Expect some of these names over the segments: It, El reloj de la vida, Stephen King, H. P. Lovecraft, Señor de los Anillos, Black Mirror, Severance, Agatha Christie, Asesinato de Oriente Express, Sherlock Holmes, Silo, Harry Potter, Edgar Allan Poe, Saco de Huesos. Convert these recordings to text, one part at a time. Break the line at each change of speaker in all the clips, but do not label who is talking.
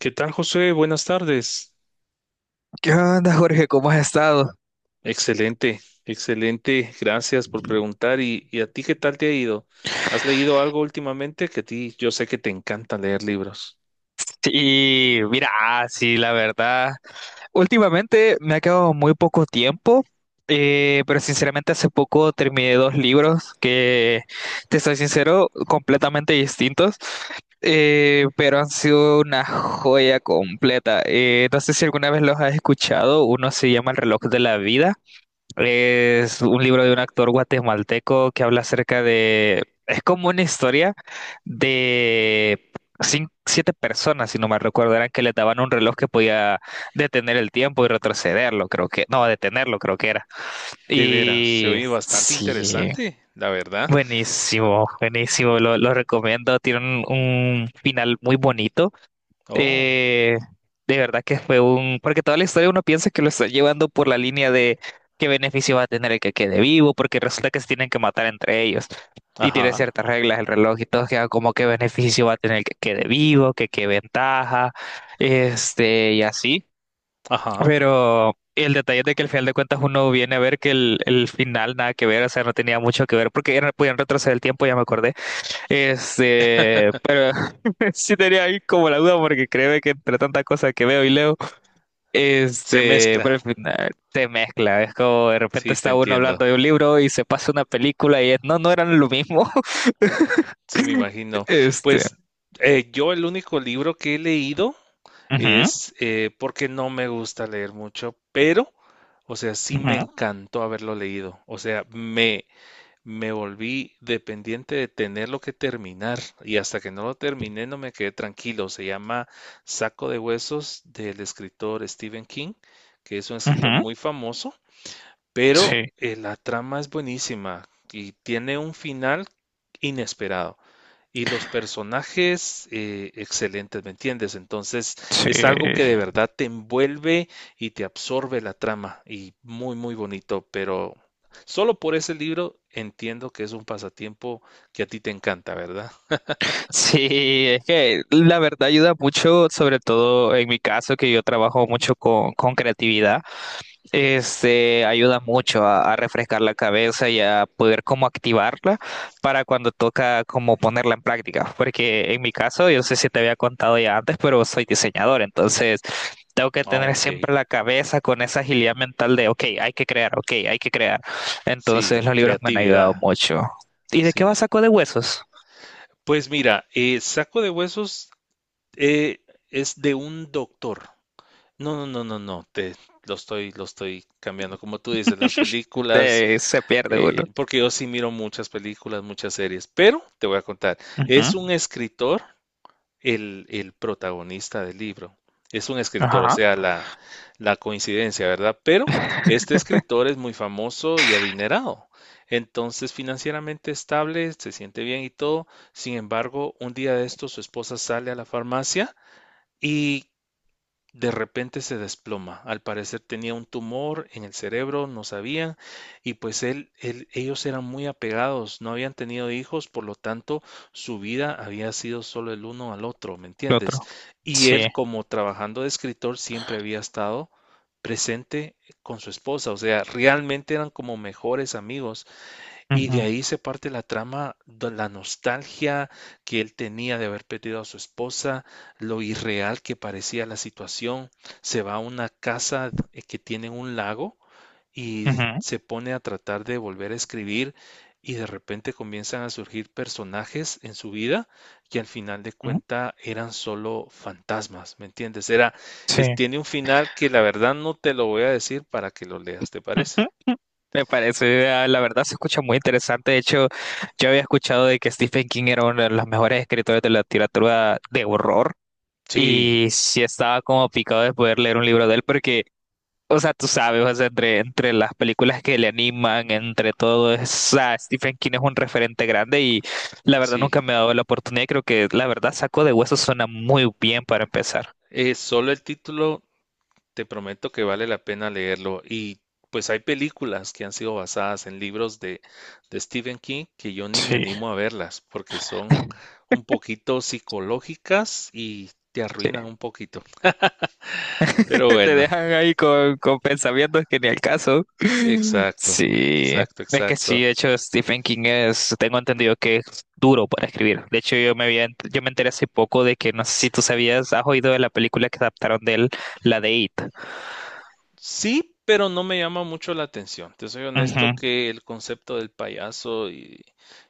¿Qué tal, José? Buenas tardes.
¿Qué onda, Jorge? ¿Cómo has estado?
Excelente, excelente. Gracias por preguntar. ¿Y a ti qué tal te ha ido? ¿Has leído algo últimamente? Que a ti yo sé que te encanta leer libros.
Sí, mira, sí, la verdad. Últimamente me ha quedado muy poco tiempo, pero sinceramente hace poco terminé dos libros que, te soy sincero, completamente distintos, pero han sido una joya completa. No sé si alguna vez los has escuchado, uno se llama El reloj de la vida. Es un libro de un actor guatemalteco que habla acerca de... Es como una historia de siete personas, si no me recuerdo, eran que le daban un reloj que podía detener el tiempo y retrocederlo, creo que... No, detenerlo, creo que era.
De veras, se
Y
oye bastante
sí,
interesante, la verdad.
buenísimo, buenísimo, lo recomiendo. Tiene un final muy bonito.
Oh,
Eh, de verdad que fue un... Porque toda la historia uno piensa que lo está llevando por la línea de qué beneficio va a tener el que quede vivo, porque resulta que se tienen que matar entre ellos. Y tiene
ajá,
ciertas reglas el reloj y todo, que como qué beneficio va a tener el que quede vivo, que qué ventaja, este, y así.
ajá.
Pero el detalle es de que al final de cuentas uno viene a ver que el final nada que ver, o sea, no tenía mucho que ver, porque podían retroceder el tiempo, ya me acordé. Este, sí tenía ahí como la duda porque creo que entre tantas cosas que veo y leo,
Se
este,
mezcla.
pero al final se mezcla, es como de repente
Sí, te
está uno hablando
entiendo.
de un libro y se pasa una película y es, no, no eran lo mismo.
Sí, me imagino.
Este.
Pues yo el único libro que he leído
Ujú,
es porque no me gusta leer mucho, pero, o sea, sí me
ujú,
encantó haberlo leído. O sea, me volví dependiente de tenerlo que terminar y hasta que no lo terminé no me quedé tranquilo. Se llama Saco de Huesos del escritor Stephen King, que es un escritor
ujú.
muy famoso pero
Sí,
la trama es buenísima y tiene un final inesperado. Y los personajes excelentes, ¿me entiendes? Entonces
sí.
es algo que de verdad te envuelve y te absorbe la trama y muy, muy bonito, pero solo por ese libro entiendo que es un pasatiempo que a ti te encanta, ¿verdad?
Sí, es que la verdad ayuda mucho, sobre todo en mi caso, que yo trabajo mucho con creatividad. Este ayuda mucho a refrescar la cabeza y a poder como activarla para cuando toca como ponerla en práctica. Porque en mi caso, yo no sé si te había contado ya antes, pero soy diseñador, entonces tengo que
Ah,
tener
ok,
siempre la cabeza con esa agilidad mental de, ok, hay que crear, ok, hay que crear. Entonces
sí,
los libros me han ayudado
creatividad,
mucho. ¿Y de qué
sí.
va Saco de Huesos?
Pues mira, Saco de Huesos eh, es de un doctor. No, no, no, no, no, te lo estoy cambiando. Como tú dices, las películas,
De, se pierde uno.
porque yo sí miro muchas películas, muchas series, pero te voy a contar,
Ujú.
es un escritor el protagonista del libro. Es un escritor, o
Ajá,
sea, la coincidencia, ¿verdad? Pero este escritor es muy famoso y adinerado. Entonces, financieramente estable, se siente bien y todo. Sin embargo, un día de esto su esposa sale a la farmacia y de repente se desploma. Al parecer tenía un tumor en el cerebro, no sabían, y pues ellos eran muy apegados, no habían tenido hijos, por lo tanto su vida había sido solo el uno al otro, ¿me
el
entiendes?
otro.
Y
Sí.
él, como trabajando de escritor, siempre había estado presente con su esposa, o sea, realmente eran como mejores amigos y de
Ujú,
ahí se parte la trama, de la nostalgia que él tenía de haber perdido a su esposa, lo irreal que parecía la situación. Se va a una casa que tiene un lago y
ujú,
se pone a tratar de volver a escribir y de repente comienzan a surgir personajes en su vida que al final de
ujú.
cuenta eran solo fantasmas, ¿me entiendes?
Sí.
Tiene un final que la verdad no te lo voy a decir para que lo leas, ¿te parece?
Me parece, la verdad se escucha muy interesante. De hecho, yo había escuchado de que Stephen King era uno de los mejores escritores de la literatura de horror
Sí,
y sí estaba como picado de poder leer un libro de él porque, o sea, tú sabes, o sea, entre las películas que le animan, entre todo, o sea, Stephen King es un referente grande y la verdad
sí.
nunca me ha dado la oportunidad. Creo que la verdad Saco de Huesos suena muy bien para empezar.
Solo el título, te prometo que vale la pena leerlo. Y pues hay películas que han sido basadas en libros de Stephen King que yo ni me
Sí.
animo a verlas porque son un poquito psicológicas y te
Sí.
arruinan un poquito. Pero
Te
bueno,
dejan ahí con pensamientos que ni al caso.
exacto,
Sí,
exacto,
es que sí,
exacto.
de hecho Stephen King es, tengo entendido que es duro para escribir. De hecho yo me había, yo me enteré hace poco de que, no sé si tú sabías, has oído de la película que adaptaron de él, la de It.
Sí, pero no me llama mucho la atención. Te soy
Ujú,
honesto que el concepto del payaso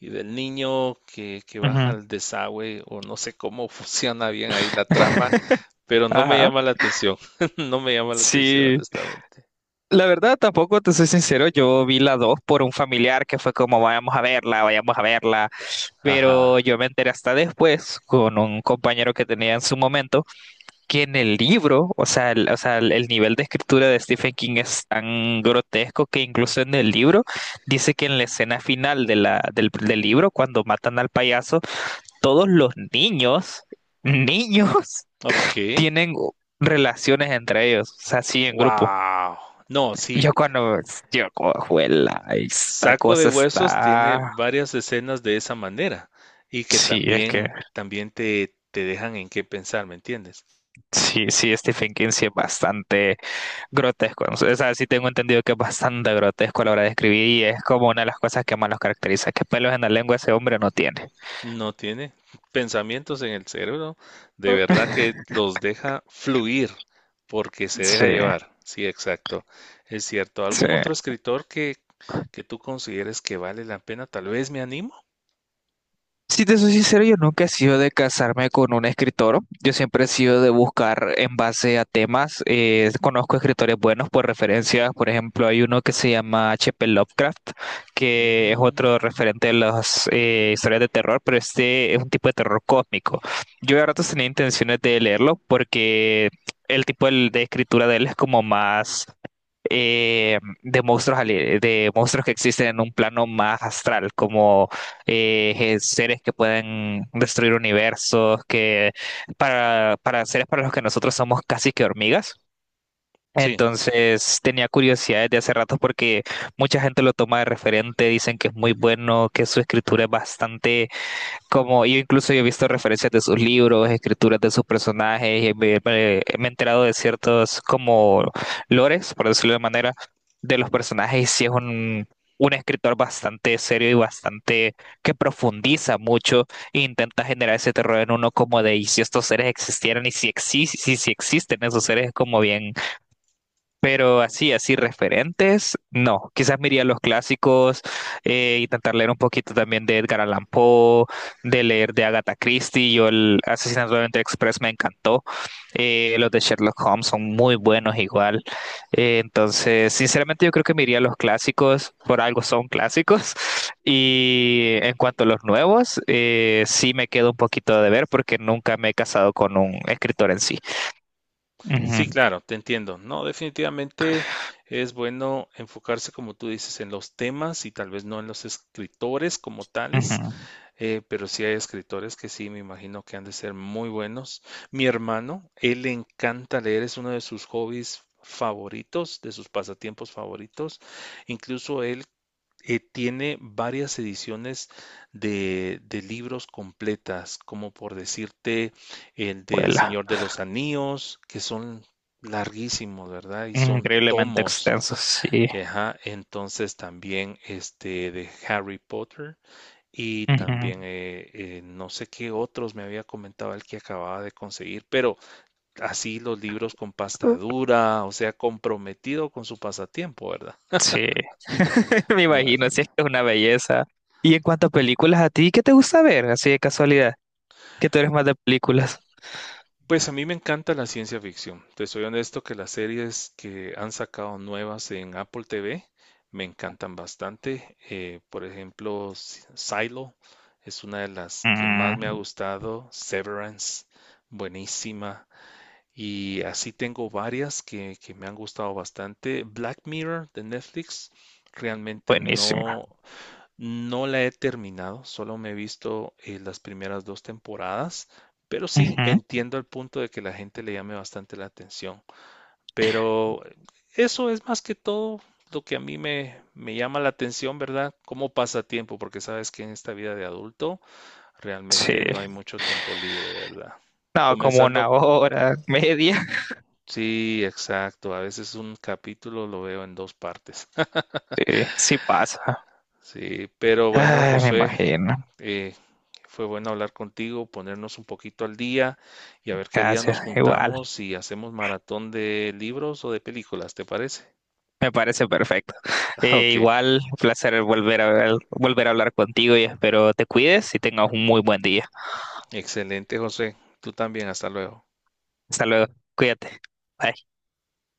y del niño que baja
ujú.
al desagüe o no sé cómo funciona bien ahí la trama. Pero no me
Ajá.
llama la atención. No me llama la atención,
Sí,
honestamente.
la verdad tampoco te soy sincero, yo vi la 2 por un familiar que fue como vayamos a verla, pero
Ajá.
yo me enteré hasta después con un compañero que tenía en su momento que en el libro, o sea, o sea, el nivel de escritura de Stephen King es tan grotesco que incluso en el libro dice que en la escena final de del libro, cuando matan al payaso, todos los niños, niños,
Ok.
tienen relaciones entre ellos, o sea, sí, en grupo.
Wow. No,
Yo
sí.
cuando, yo cojo esta
Saco de
cosa
Huesos tiene
está...
varias escenas de esa manera y que
Sí, es que
también, también te dejan en qué pensar, ¿me entiendes?
sí, sí, Stephen King sí es bastante grotesco, ¿no? O sea, sí tengo entendido que es bastante grotesco a la hora de escribir y es como una de las cosas que más los caracteriza, que pelos en la lengua ese hombre no tiene.
No tiene pensamientos en el cerebro, de verdad que los deja fluir porque se deja
Sí,
llevar. Sí, exacto. Es cierto.
sí.
¿Algún otro escritor que tú consideres que vale la pena? Tal vez me animo.
Si te soy sincero, yo nunca he sido de casarme con un escritor. Yo siempre he sido de buscar en base a temas. Conozco escritores buenos por referencias. Por ejemplo, hay uno que se llama H. P. Lovecraft, que es
Mm,
otro referente de las historias de terror, pero este es un tipo de terror cósmico. Yo a ratos tenía intenciones de leerlo porque el tipo de escritura de él es como más de monstruos de monstruos que existen en un plano más astral, como seres que pueden destruir universos, que para seres para los que nosotros somos casi que hormigas.
sí,
Entonces tenía curiosidad desde hace rato porque mucha gente lo toma de referente, dicen que es muy bueno, que su escritura es bastante, como yo incluso he visto referencias de sus libros, escrituras de sus personajes, y me he enterado de ciertos como lores, por decirlo de manera, de los personajes, y sí es un escritor bastante serio y bastante, que profundiza mucho e intenta generar ese terror en uno como de, y si estos seres existieran, y si, si, si existen esos seres, es como bien, pero así, así referentes, no. Quizás miraría los clásicos, intentar leer un poquito también de Edgar Allan Poe, de leer de Agatha Christie. Yo el Asesinato de Oriente Express me encantó. Los de Sherlock Holmes son muy buenos igual. Entonces, sinceramente yo creo que miraría los clásicos, por algo son clásicos. Y en cuanto a los nuevos, sí me quedo un poquito de ver porque nunca me he casado con un escritor en sí.
sí,
Ujú,
claro, te entiendo. No, definitivamente es bueno enfocarse, como tú dices, en los temas y tal vez no en los escritores como tales,
ujú.
pero sí hay escritores que sí, me imagino que han de ser muy buenos. Mi hermano, él le encanta leer, es uno de sus hobbies favoritos, de sus pasatiempos favoritos. Incluso él tiene varias ediciones de libros completas, como por decirte el del
Vuela.
Señor de los Anillos, que son larguísimos, ¿verdad? Y son
Increíblemente
tomos.
extensos, sí.
Ajá, entonces también este de Harry Potter y
Ujú.
también no sé qué otros me había comentado el que acababa de conseguir, pero así los libros con pasta dura, o sea, comprometido con su pasatiempo, ¿verdad?
Sí, me
Me
imagino, sí,
imagino.
es que es una belleza. Y en cuanto a películas, ¿a ti qué te gusta ver? Así de casualidad, que tú eres más de películas.
Pues a mí me encanta la ciencia ficción. Te soy honesto que las series que han sacado nuevas en Apple TV me encantan bastante. Por ejemplo, Silo es una de las que más me ha
Mm,
gustado. Severance, buenísima. Y así tengo varias que me han gustado bastante. Black Mirror de Netflix, realmente
buenísima.
no. No la he terminado, solo me he visto las primeras dos temporadas, pero sí
Ujú.
entiendo el punto de que la gente le llame bastante la atención. Pero eso es más que todo lo que a mí me llama la atención, ¿verdad? Cómo pasa tiempo, porque sabes que en esta vida de adulto
Sí,
realmente no hay mucho tiempo libre, ¿verdad?
no, como una
Comenzando,
hora, media.
sí, exacto, a veces un capítulo lo veo en dos partes.
Sí, sí pasa.
Sí, pero bueno,
Ay, me
José.
imagino.
Eh, fue bueno hablar contigo, ponernos un poquito al día y a ver qué día
Gracias,
nos
igual,
juntamos y hacemos maratón de libros o de películas, ¿te parece?
me parece perfecto.
Ok,
Igual, un placer volver a hablar contigo y espero te cuides y tengas un muy buen día.
excelente, José. Tú también, hasta luego.
Hasta luego, cuídate. Bye.